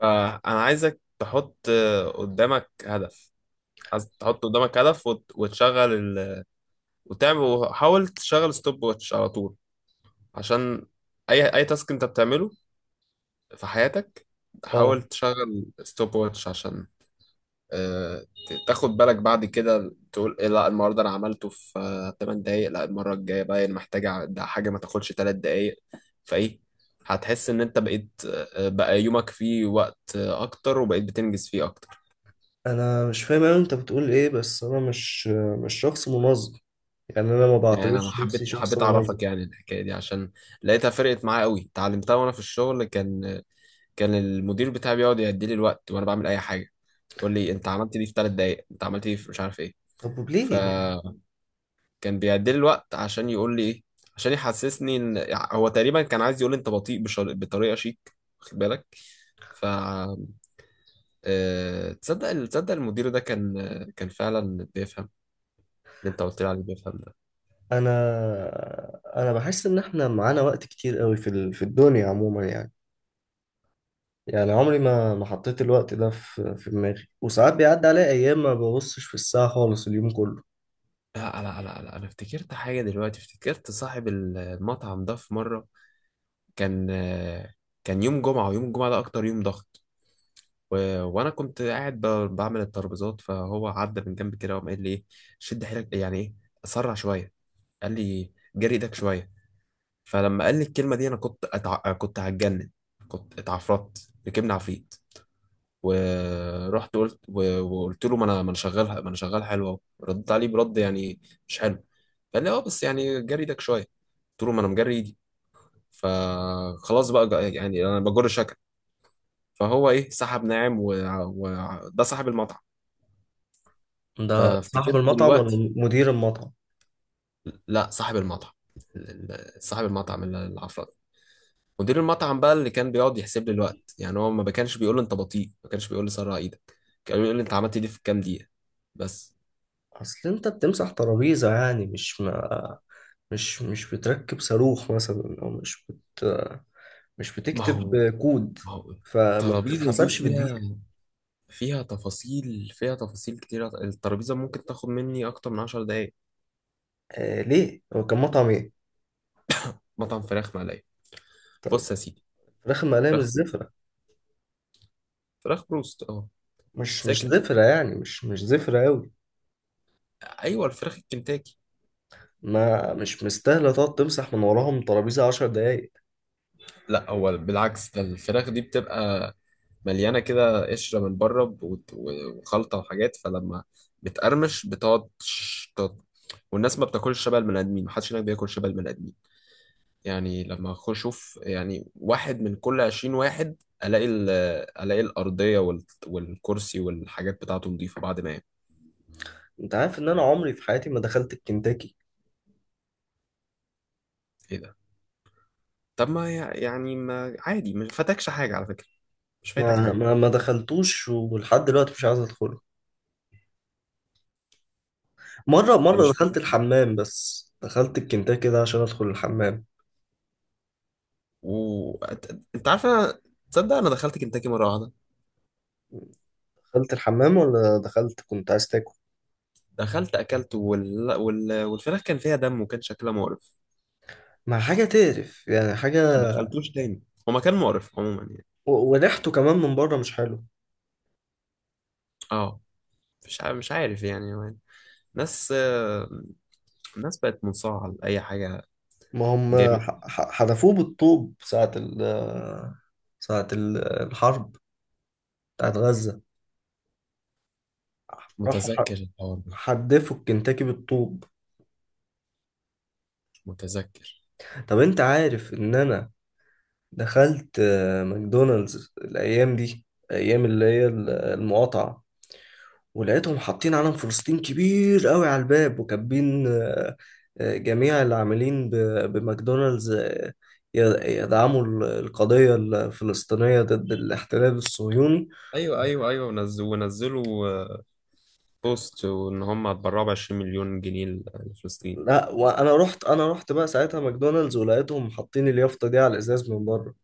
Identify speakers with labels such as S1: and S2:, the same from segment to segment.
S1: فأنا عايزك تحط قدامك هدف. عايز تحط قدامك هدف وتشغل وتعمل وحاول تشغل ستوب واتش على طول. عشان أي تاسك أنت بتعمله في حياتك، حاول
S2: اه.
S1: تشغل ستوب واتش. عشان آه، تاخد بالك. بعد كده تقول إيه، لا النهاردة أنا عملته في 8 دقايق، لا المرة الجاية بقى أنا ده حاجة ما تاخدش 3 دقايق. فإيه، هتحس إن أنت بقيت بقى يومك فيه وقت أكتر وبقيت بتنجز فيه أكتر.
S2: انا مش فاهم اوي انت بتقول ايه، بس انا مش شخص منظم. يعني انا ما
S1: يعني انا
S2: بعتبرش نفسي
S1: حبيت
S2: شخص
S1: حبيت
S2: منظم.
S1: اعرفك يعني الحكايه دي، عشان لقيتها فرقت معايا قوي. اتعلمتها وانا في الشغل. كان المدير بتاعي بيقعد يدي لي الوقت وانا بعمل اي حاجه، يقول لي انت عملت دي في 3 دقائق، انت عملت دي في مش عارف ايه.
S2: طب ليه يعني؟
S1: فكان بيعدي لي الوقت عشان يقول لي ايه، عشان يحسسني ان هو تقريبا كان عايز يقول لي انت بطريقه شيك، واخد بالك؟ ف آه، تصدق المدير ده كان فعلا بيفهم. اللي انت قلت لي عليه، بيفهم.
S2: انا انا بحس ان احنا معانا وقت كتير قوي في في الدنيا عموما يعني. يعني عمري ما حطيت الوقت ده في دماغي، وساعات بيعدي عليا ايام ما ببصش في الساعة خالص اليوم كله.
S1: لا لا لا لا، انا افتكرت حاجه دلوقتي. افتكرت صاحب المطعم ده، في مره كان كان يوم جمعه. ويوم الجمعه ده اكتر يوم ضغط. و... وانا كنت قاعد بعمل الترابيزات. فهو عدى من جنب كده وقام قال لي ايه، شد حيلك، يعني ايه، اسرع شويه، قال لي جري ايدك شويه. فلما قال لي الكلمه دي انا كنت هتجنن، كنت اتعفرت، ركبنا عفريت. ورحت وقلت له ما انا شغال ما انا شغال حلو اهو. ردت عليه برد يعني مش حلو. قال لي اه بس يعني جري ايدك شويه، قلت له ما انا مجري ايدي. فخلاص بقى يعني انا بجر شكل. فهو ايه، سحب ناعم. ده صاحب المطعم.
S2: ده صاحب
S1: فافتكرت
S2: المطعم
S1: دلوقتي،
S2: ولا مدير المطعم؟
S1: لا صاحب المطعم، صاحب المطعم العفرت. مدير المطعم بقى اللي كان بيقعد يحسب لي الوقت، يعني هو ما كانش بيقول لي انت بطيء، ما كانش بيقول لي سرع ايدك، كان بيقول لي انت عملت دي في كام دقيقه، بس.
S2: اصل انت بتمسح ترابيزة، يعني مش ما مش مش بتركب صاروخ مثلا، او بت مش
S1: ما
S2: بتكتب
S1: هو
S2: كود.
S1: ما هو
S2: فما
S1: الترابيزة دي
S2: بتتحسبش
S1: فيها
S2: بالدقيقة.
S1: فيها تفاصيل، فيها تفاصيل كتيرة. الترابيزة ممكن تاخد مني أكتر من 10 دقايق.
S2: آه ليه؟ هو كان مطعم ايه؟
S1: مطعم فراخ مقلية.
S2: طب،
S1: بص يا سيدي،
S2: فراخ المقلية مش
S1: فراخ بروست.
S2: زفرة.
S1: فراخ بروست اه،
S2: مش
S1: زي
S2: مش
S1: كنتاكي.
S2: زفرة يعني، مش زفرة أوي.
S1: أيوة الفراخ الكنتاكي.
S2: ما مش مستاهلة تقعد تمسح من وراهم ترابيزة عشر دقايق.
S1: لا هو بالعكس، ده الفراخ دي بتبقى مليانة كده قشرة من بره، وخلطة وحاجات. فلما بتقرمش، بتقعد والناس ما بتاكلش شبه البني آدمين. محدش هناك بياكل شبه البني آدمين. يعني لما اخش اشوف، يعني واحد من كل 20 واحد الاقي الاقي الارضيه والكرسي والحاجات بتاعته نظيفه بعد ما ينام.
S2: انت عارف ان انا عمري في حياتي ما دخلت الكنتاكي.
S1: ايه ده؟ طب ما يعني ما عادي، ما فاتكش حاجه على فكره، مش فايتك
S2: ما
S1: حاجه.
S2: ما ما دخلتوش، ولحد دلوقتي مش عايز ادخله. مرة
S1: انت
S2: مرة
S1: مش
S2: دخلت
S1: فايتك حاجة.
S2: الحمام، بس دخلت الكنتاكي ده عشان ادخل الحمام.
S1: انت عارف انا، تصدق انا دخلت كنتاكي مره واحده،
S2: دخلت الحمام ولا دخلت كنت عايز تاكل؟
S1: دخلت اكلت والفراخ كان فيها دم وكان شكلها مقرف.
S2: مع حاجة تقرف يعني، حاجة.
S1: ما دخلتوش تاني. هو مكان مقرف عموما يعني.
S2: وريحته كمان من بره مش حلو.
S1: اه مش عارف، مش عارف يعني. ناس آه، الناس بقت منصاعة لأي حاجة
S2: ما هم
S1: جاية.
S2: حدفوه بالطوب ساعة ساعة الحرب بتاعت غزة. راحوا
S1: متذكر الحوار ده؟
S2: حدفوا الكنتاكي بالطوب.
S1: متذكر.
S2: طب انت عارف ان انا دخلت ماكدونالدز الايام دي، ايام اللي هي المقاطعة، ولقيتهم حاطين علم فلسطين كبير قوي على الباب، وكاتبين جميع العاملين بماكدونالدز يدعموا القضية الفلسطينية ضد الاحتلال الصهيوني.
S1: ايوه ايوه ايوه، ونزلوا بوست وان هم هتبرعوا ب 20 مليون جنيه لفلسطين، يعني
S2: لا،
S1: حاجة زي كده.
S2: وانا رحت بقى ساعتها ماكدونالدز، ولقيتهم حاطين اليافطة دي على الازاز من بره.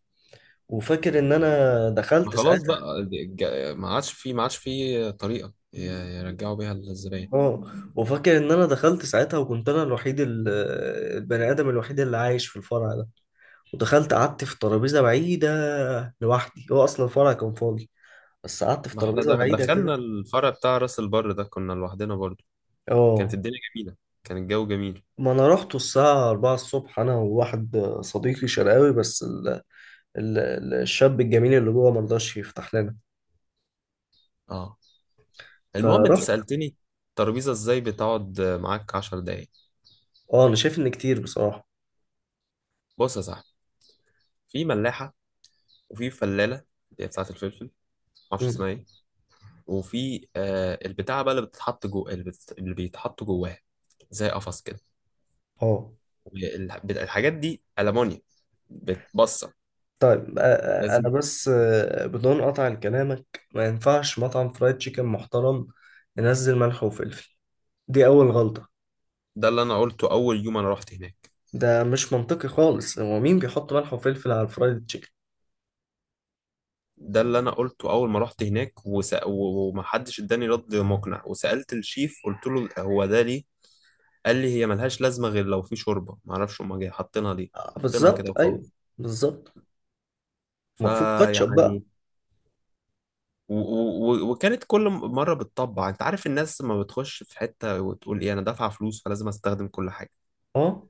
S2: وفاكر ان انا
S1: ما
S2: دخلت
S1: خلاص
S2: ساعتها.
S1: بقى، ما عادش في طريقه يرجعوا بيها الزباين.
S2: اه. وفاكر ان انا دخلت ساعتها، وكنت انا الوحيد البني ادم الوحيد اللي عايش في الفرع. ودخلت قعدت في ترابيزة بعيدة لوحدي، هو أصلا الفرع كان فاضي، بس قعدت في
S1: ما احنا
S2: ترابيزة بعيدة كده.
S1: دخلنا الفرع بتاع راس البر ده، كنا لوحدنا برضو. كانت
S2: اه.
S1: الدنيا جميله، كان الجو جميل.
S2: ما أنا رحت الساعة 4 الصبح أنا وواحد صديقي شرقاوي، بس الشاب الجميل اللي جوه مرضاش يفتح لنا.
S1: اه، المهم انت
S2: فرحت.
S1: سالتني الترابيزه ازاي بتقعد معاك 10 دقايق.
S2: اه. أنا شايف إن كتير بصراحة.
S1: بص يا صاحبي، في ملاحه وفي فلاله اللي هي بتاعه الفلفل، معرفش
S2: مم.
S1: اسمها ايه. وفي آه البتاعة بقى اللي بتتحط جوه اللي، اللي بيتحط جواها زي قفص كده.
S2: اه.
S1: الحاجات دي ألمونيا بتبصر.
S2: طيب، أنا
S1: لازم.
S2: بس بدون قطع لكلامك، ما ينفعش مطعم فرايد تشيكن محترم ينزل ملح وفلفل. دي أول غلطة.
S1: ده اللي أنا قلته أول يوم أنا رحت هناك.
S2: ده مش منطقي خالص، هو مين بيحط ملح وفلفل على الفرايد تشيكن؟
S1: ده اللي أنا قلته أول ما رحت هناك، ومحدش اداني رد مقنع. وسألت الشيف قلت له هو ده ليه؟ قال لي هي ملهاش لازمة غير لو في شوربة، معرفش هما جاي حاطينها ليه، حاطينها كده
S2: بالظبط، ايوه،
S1: وخلاص.
S2: بالظبط. المفروض كاتشب بقى.
S1: فيعني وكانت كل مرة بتطبع. انت عارف الناس ما بتخش في حتة وتقول ايه، انا دافعة فلوس فلازم استخدم كل حاجة.
S2: اه.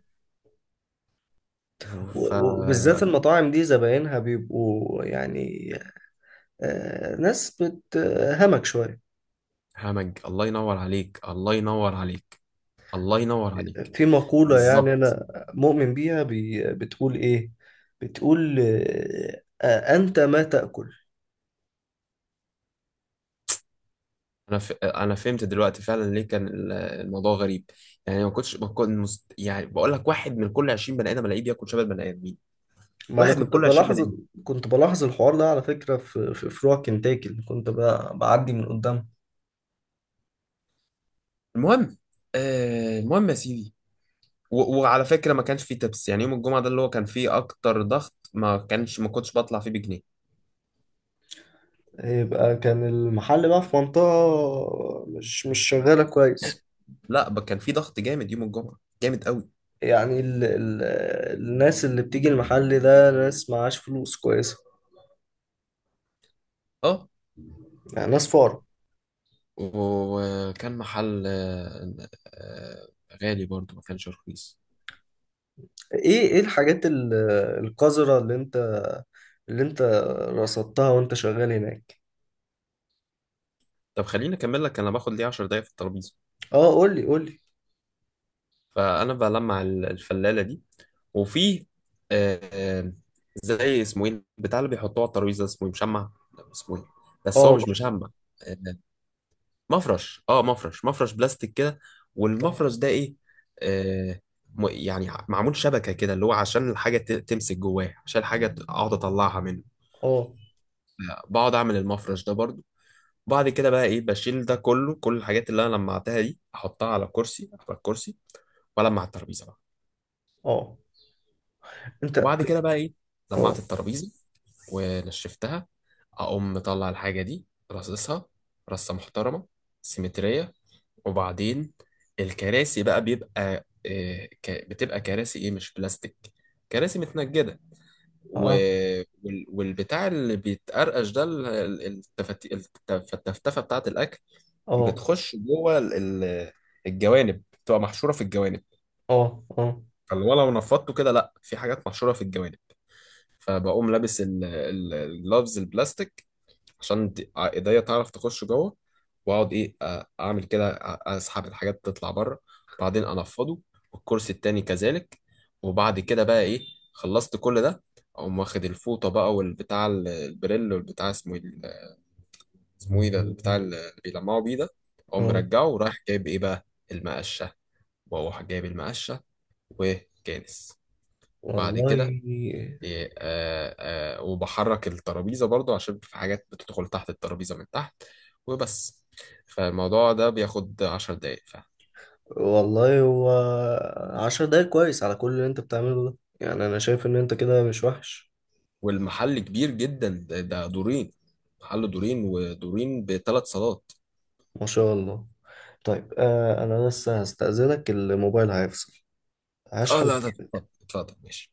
S1: ف
S2: وبالذات المطاعم دي زباينها بيبقوا يعني، آه، ناس بتهمك شوية.
S1: همج. الله ينور عليك، الله ينور عليك، الله ينور عليك.
S2: في مقولة يعني،
S1: بالظبط.
S2: أنا مؤمن بيها، بتقول إيه؟ بتقول أنت ما تأكل.
S1: انا انا فهمت دلوقتي فعلا ليه كان الموضوع غريب. يعني ما كنتش ما كنت مست... يعني بقول لك واحد من كل 20 بني ادم الاقيه بياكل شبه البني ادمين.
S2: ما أنا
S1: واحد من
S2: كنت
S1: كل 20
S2: بلاحظ
S1: بني ادم.
S2: كنت بلاحظ الحوار ده على فكرة، في فروع كنتاكي اللي كنت بعدي من قدامها.
S1: المهم، المهم يا سيدي، وعلى فكرة ما كانش فيه تبس. يعني يوم الجمعة ده اللي هو كان فيه أكتر ضغط، ما كنتش بطلع فيه بجنيه.
S2: يبقى كان المحل بقى في منطقة مش شغالة كويس.
S1: لا، كان فيه ضغط جامد يوم الجمعة، جامد قوي.
S2: يعني ال ال الناس اللي بتيجي المحل ده ناس معاش فلوس كويسة.
S1: اه.
S2: يعني ناس فقراء.
S1: وكان محل غالي برضو، ما كانش رخيص.
S2: ايه الحاجات القذرة اللي انت رصدتها وانت شغال هناك.
S1: طب خليني اكمل لك انا باخد ليه 10 دقايق في الترابيزه.
S2: اه، قولي قولي.
S1: فانا بلمع الفلاله دي. وفي آه، آه، زي اسمه ايه بتاع اللي بيحطوه على الترابيزه اسمه ايه، مشمع. لا، اسمه ايه، بس هو
S2: اه.
S1: مش مشمع. آه، مفرش اه مفرش مفرش بلاستيك كده. والمفرش ده ايه، آه يعني معمول شبكه كده، اللي هو عشان الحاجه تمسك جواه، عشان الحاجه اقعد اطلعها منه.
S2: اه.
S1: بقعد اعمل المفرش ده برضو. بعد كده بقى ايه، بشيل ده كله، كل الحاجات اللي انا لمعتها دي احطها على كرسي، على الكرسي. والمع الترابيزه بقى.
S2: اه. انت.
S1: وبعد كده بقى ايه، لمعت
S2: اه.
S1: الترابيزه ونشفتها. اقوم مطلع الحاجه دي، رصصها رصه محترمه سيمتريه. وبعدين الكراسي بقى، بتبقى كراسي ايه، مش بلاستيك، كراسي متنجدة. و...
S2: اه.
S1: والبتاع اللي بيتقرقش ده، التفتفة بتاعة الأكل
S2: اه.
S1: بتخش جوه ال- الجوانب، بتبقى محشورة في الجوانب.
S2: اه. اه.
S1: فاللي هو لو نفضته كده لا، في حاجات محشورة في الجوانب. فبقوم لابس الجلافز البلاستيك عشان ايديا تعرف تخش جوه. واقعد ايه، اعمل كده، اسحب الحاجات تطلع بره. بعدين انفضه. والكرسي التاني كذلك. وبعد كده بقى ايه، خلصت كل ده، اقوم واخد الفوطه بقى والبتاع البريل، والبتاع اسمه ايه اسمه ايه ده البتاع اللي بيلمعوا بيه ده. اقوم
S2: اه.
S1: مرجعه ورايح جايب ايه بقى، المقشه. واروح جايب المقشه وكانس. وبعد كده
S2: والله.
S1: إيه، وبحرك الترابيزة برضو عشان في حاجات بتدخل تحت الترابيزة من تحت. وبس. فالموضوع ده بياخد 10 دقايق فعلا.
S2: والله هو عشر دقايق كويس على كل اللي انت بتعمله ده، يعني انا شايف ان انت كده مش وحش.
S1: والمحل كبير جدا، ده دورين. محل دورين، ودورين ب3 صالات.
S2: ما شاء الله. طيب، انا لسه هستأذنك، الموبايل هيفصل.
S1: اه
S2: هشحن.
S1: لا لا، اتفضل اتفضل ماشي.